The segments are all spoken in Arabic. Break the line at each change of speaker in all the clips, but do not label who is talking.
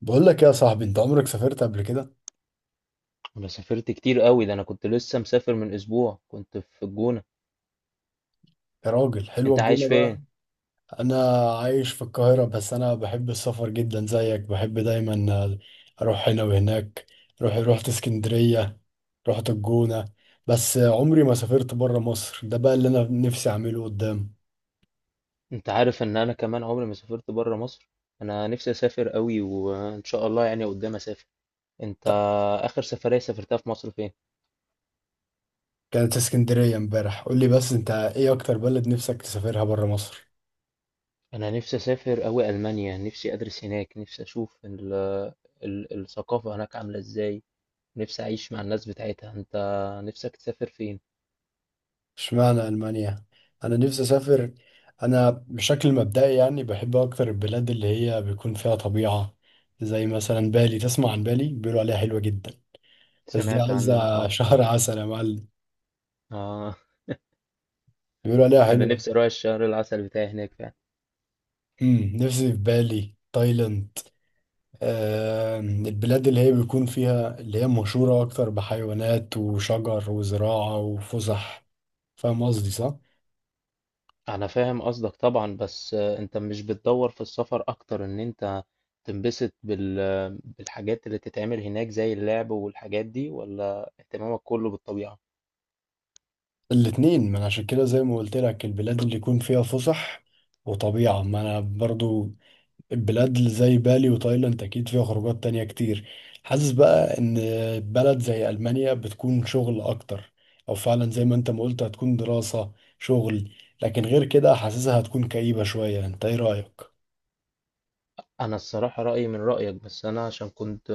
بقول لك يا صاحبي، انت عمرك سافرت قبل كده؟
انا سافرت كتير قوي، ده انا كنت لسه مسافر من اسبوع، كنت في الجونة.
يا راجل، حلوة
انت عايش
الجونة بقى.
فين؟
انا عايش في القاهرة، بس انا بحب السفر جدا زيك. بحب دايما، اروح هنا وهناك. روح رحت اسكندرية، رحت الجونة. بس عمري ما سافرت بره مصر. ده بقى اللي انا نفسي اعمله قدام.
انت عارف ان انا كمان عمري ما سافرت برا مصر، انا نفسي اسافر قوي، وان شاء الله يعني قدام اسافر. انت؟
ط-
اخر سفرية سافرتها في مصر فين؟
كانت اسكندرية امبارح. قول لي بس، انت ايه اكتر بلد نفسك تسافرها بره مصر؟
انا نفسي اسافر قوي المانيا، نفسي ادرس هناك، نفسي اشوف ال ال الثقافة هناك عاملة ازاي، نفسي اعيش مع الناس بتاعتها. انت نفسك تسافر فين؟
اشمعنى ألمانيا؟ أنا نفسي أسافر. أنا بشكل مبدئي يعني بحب أكتر البلاد اللي هي بيكون فيها طبيعة، زي مثلا بالي. تسمع عن بالي؟ بيقولوا عليها حلوة جدا. بس دي
سمعت عنها
عايزة
اه.
شهر عسل يا معلم.
اه.
بيقولوا عليها
انا
حلوة.
نفسي اروح الشهر العسل بتاعي هناك فعلا.
نفسي في بالي، تايلاند. آه، البلاد اللي هي بيكون فيها، اللي هي مشهورة أكتر بحيوانات وشجر وزراعة وفسح. فاهم قصدي صح؟
انا فاهم قصدك طبعا، بس انت مش بتدور في السفر اكتر ان انت تنبسط بالحاجات اللي تتعمل هناك زي اللعب والحاجات دي، ولا اهتمامك كله بالطبيعة؟
الاتنين، ما انا عشان كده زي ما قلت لك البلاد اللي يكون فيها فسح وطبيعة. ما انا برضو البلاد اللي زي بالي وتايلاند اكيد فيها خروجات تانية كتير. حاسس بقى ان بلد زي المانيا بتكون شغل اكتر، او فعلا زي ما انت ما قلت، هتكون دراسة، شغل. لكن غير كده حاسسها هتكون كئيبة شوية. انت ايه رأيك؟
انا الصراحة رأيي من رأيك، بس انا عشان كنت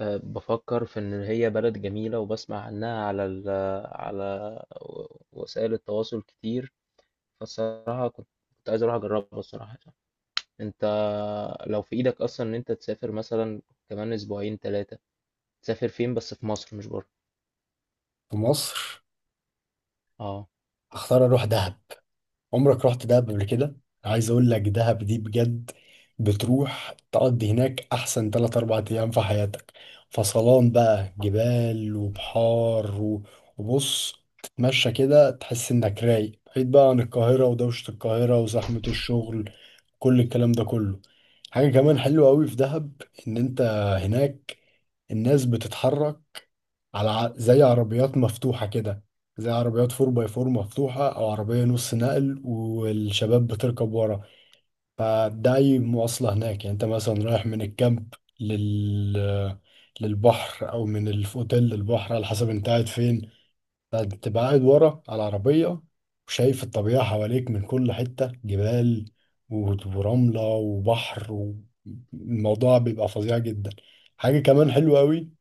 بفكر في ان هي بلد جميلة وبسمع عنها على ال... آه، على وسائل التواصل كتير، فالصراحة كنت عايز اروح اجربها الصراحة. انت لو في ايدك اصلا ان انت تسافر مثلا كمان اسبوعين ثلاثة، تسافر فين بس في مصر مش بره؟
في مصر
اه.
اختار اروح دهب. عمرك رحت دهب قبل كده؟ عايز اقول لك دهب دي بجد بتروح تقضي هناك احسن 3 4 ايام في حياتك. فصلان بقى، جبال وبحار وبص، تتمشى كده تحس انك رايق، بعيد بقى عن القاهرة ودوشة القاهرة وزحمة الشغل، كل الكلام ده كله. حاجة كمان حلوة قوي في دهب ان انت هناك الناس بتتحرك على، زي عربيات مفتوحة كده، زي عربيات 4 باي 4 مفتوحة أو عربية نص نقل والشباب بتركب ورا. فده أي مواصلة هناك. يعني أنت مثلا رايح من الكامب لل للبحر، أو من الأوتيل للبحر، على حسب أنت قاعد فين. فتبقى قاعد ورا على العربية وشايف الطبيعة حواليك من كل حتة، جبال ورملة وبحر، والموضوع بيبقى فظيع جدا. حاجة كمان حلوة أوي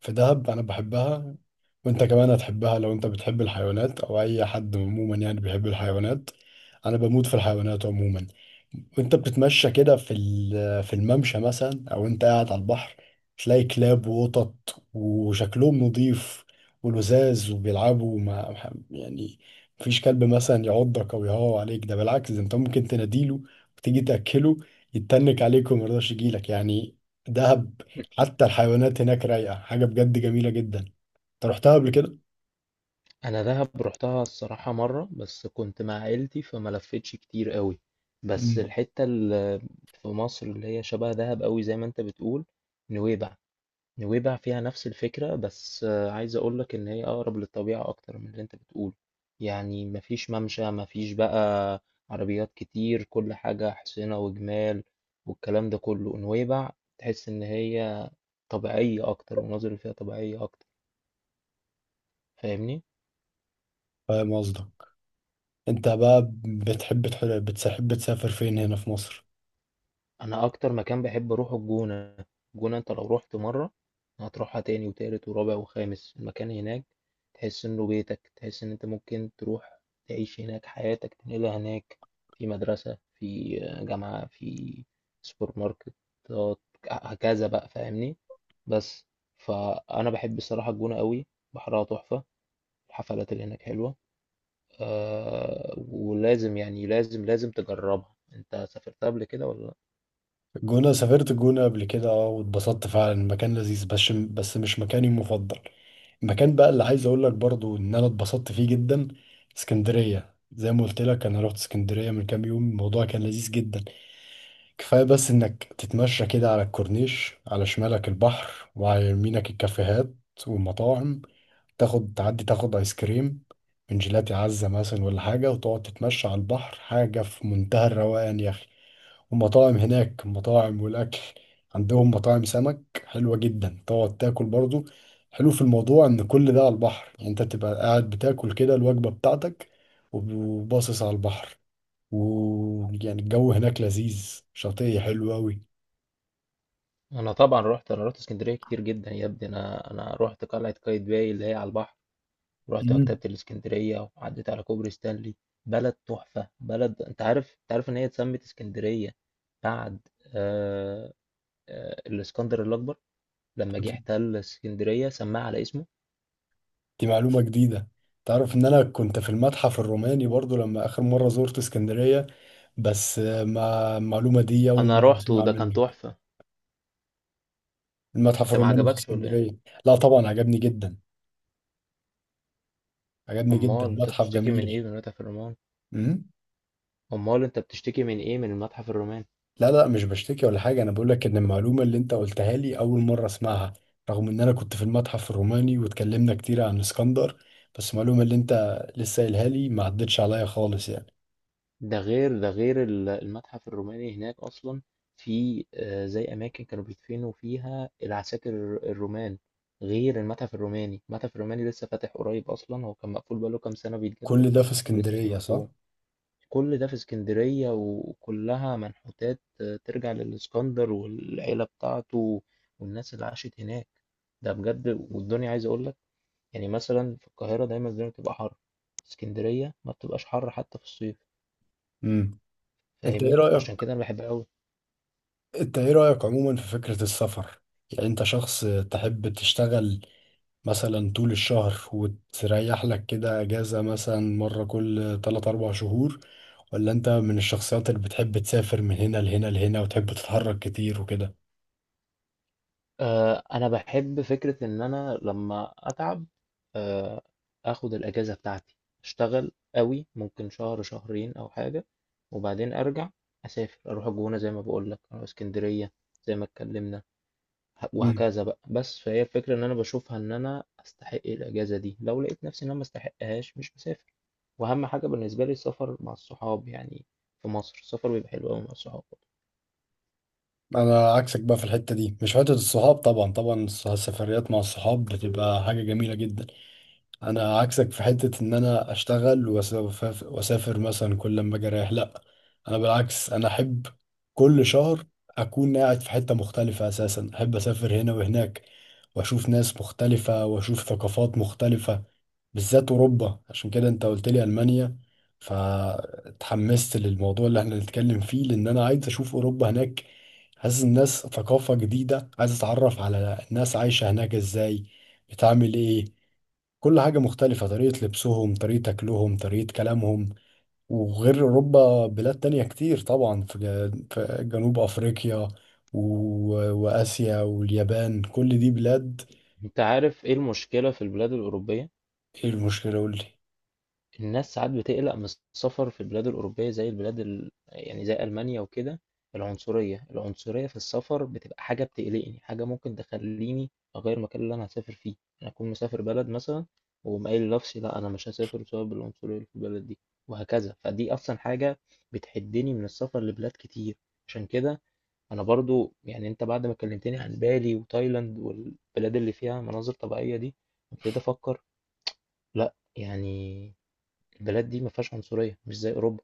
في دهب انا بحبها، وانت كمان هتحبها لو انت بتحب الحيوانات، او اي حد عموما يعني بيحب الحيوانات. انا بموت في الحيوانات عموما. وانت بتتمشى كده في في الممشى مثلا، او انت قاعد على البحر، تلاقي كلاب وقطط وشكلهم نظيف ولذاذ وبيلعبوا مع، يعني مفيش كلب مثلا يعضك او يهوى عليك. ده بالعكس، ده انت ممكن تناديله وتيجي تاكله، يتنك عليك وما يرضاش يجيلك يعني. ده حتى الحيوانات هناك رايقة، حاجة بجد جميلة جدا. انت رحتها قبل كده؟
انا دهب رحتها الصراحة مرة بس كنت مع عيلتي فما لفتش كتير قوي. بس
مم.
الحتة اللي في مصر اللي هي شبه دهب قوي زي ما انت بتقول، نويبع. نويبع فيها نفس الفكرة بس عايز اقولك ان هي اقرب للطبيعة اكتر من اللي انت بتقوله، يعني مفيش ممشى، مفيش بقى عربيات كتير، كل حاجة حصينة وجمال والكلام ده كله. نويبع تحس ان هي طبيعية اكتر، والمناظر اللي فيها طبيعية اكتر، فاهمني؟
فاهم قصدك. انت بقى بتحب بتحب تسافر فين هنا في مصر؟
انا اكتر مكان بحب اروحه الجونة. الجونة انت لو رحت مرة هتروحها تاني وتالت ورابع وخامس، المكان هناك تحس انه بيتك، تحس ان انت ممكن تروح تعيش هناك، حياتك تنقلها هناك، في مدرسة، في جامعة، في سوبر ماركت، هكذا بقى، فاهمني؟ بس فانا بحب الصراحة الجونة قوي، بحرها تحفة، الحفلات اللي هناك حلوة. أه، ولازم يعني لازم لازم تجربها. انت سافرتها قبل كده ولا؟
الجونة، سافرت الجونة قبل كده اه واتبسطت فعلا، المكان لذيذ، بس مش مكاني المفضل. المكان بقى اللي عايز اقول لك برضو ان انا اتبسطت فيه جدا اسكندرية. زي ما قلت لك انا رحت اسكندرية من كام يوم، الموضوع كان لذيذ جدا. كفاية بس انك تتمشى كده على الكورنيش، على شمالك البحر وعلى يمينك الكافيهات والمطاعم. تاخد، تعدي، تاخد ايس كريم من جيلاتي عزة مثلا ولا حاجة، وتقعد تتمشى على البحر. حاجة في منتهى الروقان يا أخي. ومطاعم هناك، مطاعم والأكل. عندهم مطاعم سمك حلوة جدا، تقعد تاكل برضو. حلو في الموضوع إن كل ده على البحر، يعني أنت تبقى قاعد بتاكل كده الوجبة بتاعتك وباصص على البحر. ويعني الجو هناك لذيذ شاطئي حلو أوي.
انا طبعا رحت، انا رحت اسكندريه كتير جدا يا ابني، انا رحت قلعه قايتباي اللي هي على البحر، رحت مكتبه
مم.
الاسكندريه، وعديت على كوبري ستانلي. بلد تحفه، بلد. انت عارف ان هي اتسمت اسكندريه بعد آه الاسكندر الاكبر لما جه احتل اسكندريه سماها على اسمه.
دي معلومة جديدة. تعرف إن أنا كنت في المتحف الروماني برضو لما آخر مرة زرت اسكندرية؟ بس ما المعلومة دي أول
انا
مرة
رحت
أسمعها
وده كان
منك.
تحفه.
المتحف
انت ما
الروماني في
عجبكش ولا ايه؟
اسكندرية؟ لا طبعا، عجبني جدا، عجبني جدا،
امال انت
متحف
بتشتكي من ايه
جميل.
من متحف الرومان؟
امم
امال انت بتشتكي من ايه من المتحف الروماني؟
لا لا، مش بشتكي ولا حاجة. أنا بقول لك إن المعلومة اللي أنت قلتها لي أول مرة أسمعها، رغم إن أنا كنت في المتحف الروماني واتكلمنا كتير عن اسكندر. بس المعلومة اللي أنت لسه قايلها لي ما عدتش عليا خالص يعني.
ده غير، ده غير المتحف الروماني هناك أصلا في زي أماكن كانوا بيدفنوا فيها العساكر الرومان غير المتحف الروماني. المتحف الروماني لسه فاتح قريب أصلا، هو كان مقفول بقاله كام سنة بيتجدد
كل ده في
ولسه
اسكندرية صح؟
مفتوح. كل ده في اسكندرية، وكلها منحوتات ترجع للإسكندر والعيلة بتاعته والناس اللي عاشت هناك. ده بجد. والدنيا عايز أقولك، يعني مثلا في القاهرة دايما الدنيا بتبقى حر، اسكندرية ما بتبقاش حر حتى في الصيف،
امم أنت إيه
فاهمني؟
رأيك؟
عشان كده انا بحبها قوي.
أنت إيه رأيك عموما في فكرة السفر؟ يعني أنت شخص تحب تشتغل مثلا طول الشهر وتريح لك كده اجازة مثلا مرة كل 3 4 شهور؟ ولا انت من الشخصيات اللي بتحب تسافر من هنا لهنا لهنا وتحب تتحرك كتير وكده؟
آه، انا بحب فكره ان انا لما اتعب آه اخد الاجازه بتاعتي، اشتغل قوي ممكن شهر شهرين او حاجه، وبعدين ارجع اسافر، اروح الجونه زي ما بقول لك، اروح اسكندريه زي ما اتكلمنا،
مم.
وهكذا بقى. بس فهي الفكره ان انا بشوفها ان انا استحق الاجازه دي، لو لقيت نفسي ان انا ما استحقهاش مش بسافر. واهم حاجه بالنسبه لي السفر مع الصحاب يعني، في مصر السفر بيبقى حلو قوي مع الصحاب.
انا عكسك بقى في الحتة دي. مش حتة الصحاب، طبعا طبعا السفريات مع الصحاب بتبقى حاجة جميلة جدا. انا عكسك في حتة ان انا اشتغل وأسافر, واسافر مثلا كل ما اجي رايح، لا. انا بالعكس، انا احب كل شهر اكون قاعد في حتة مختلفة. اساسا احب اسافر هنا وهناك واشوف ناس مختلفة واشوف ثقافات مختلفة، بالذات اوروبا. عشان كده انت قلت لي المانيا فتحمست للموضوع اللي احنا نتكلم فيه، لان انا عايز اشوف اوروبا هناك. حاسس الناس ثقافة جديدة، عايز اتعرف على الناس عايشة هناك ازاي، بتعمل ايه، كل حاجة مختلفة، طريقة لبسهم، طريقة أكلهم، طريقة كلامهم. وغير أوروبا بلاد تانية كتير طبعا، في في جنوب أفريقيا و... وآسيا واليابان، كل دي بلاد.
انت عارف ايه المشكلة في البلاد الأوروبية؟
إيه المشكلة؟ قولي.
الناس ساعات بتقلق من السفر في البلاد الأوروبية زي البلاد يعني زي ألمانيا وكده. العنصرية، العنصرية في السفر بتبقى حاجة بتقلقني، حاجة ممكن تخليني أغير المكان اللي أنا هسافر فيه، أنا أكون مسافر بلد مثلا وأقوم قايل لنفسي لا أنا مش هسافر بسبب العنصرية اللي في البلد دي، وهكذا. فدي أصلا حاجة بتحدني من السفر لبلاد كتير. عشان كده أنا برضو، يعني أنت بعد ما كلمتني عن بالي وتايلاند والبلاد اللي فيها مناظر طبيعية دي، ابتديت أفكر لا يعني البلاد دي ما فيهاش عنصرية مش زي أوروبا،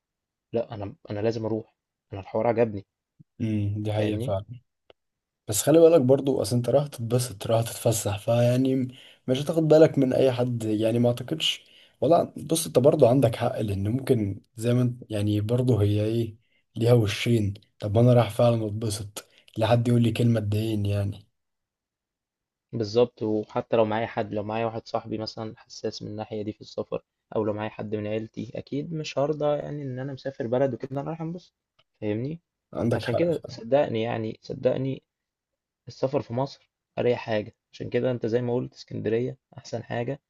لا أنا لازم أروح، أنا الحوار عجبني.
دي حقيقة
فاهمني.
فعلا. بس خلي بالك برضو، اصل انت رايح تتبسط، رايح تتفسح، فيعني مش هتاخد بالك من اي حد يعني، ما اعتقدش. ولا بص، انت برضو عندك حق، لان ممكن زي ما انت، يعني برضو هي ايه، ليها وشين. طب ما انا رايح فعلا اتبسط، لا حد يقول لي كلمة تضايقني يعني.
بالظبط، وحتى لو معايا حد لو معايا واحد صاحبي مثلا حساس من الناحية دي في السفر أو لو معايا حد من عيلتي، أكيد مش هرضى يعني إن أنا مسافر بلد وكده أنا رايح أنبسط، فاهمني؟
عندك
عشان
حق
كده
فعلا.
صدقني، يعني صدقني، السفر في مصر أريح حاجة. عشان كده أنت زي ما قلت اسكندرية أحسن حاجة،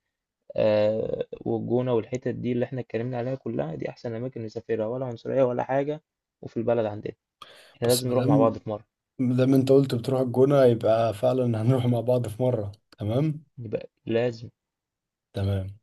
آه، والجونة والحتت دي اللي احنا اتكلمنا عليها كلها دي أحسن أماكن نسافرها، ولا عنصرية ولا حاجة، وفي البلد عندنا، احنا
بس
لازم
ما
نروح مع
دام
بعض في مرة.
ما دام انت قلت بتروح الجونة يبقى فعلا هنروح مع بعض في مرة. تمام.
يبقى لازم.
تمام.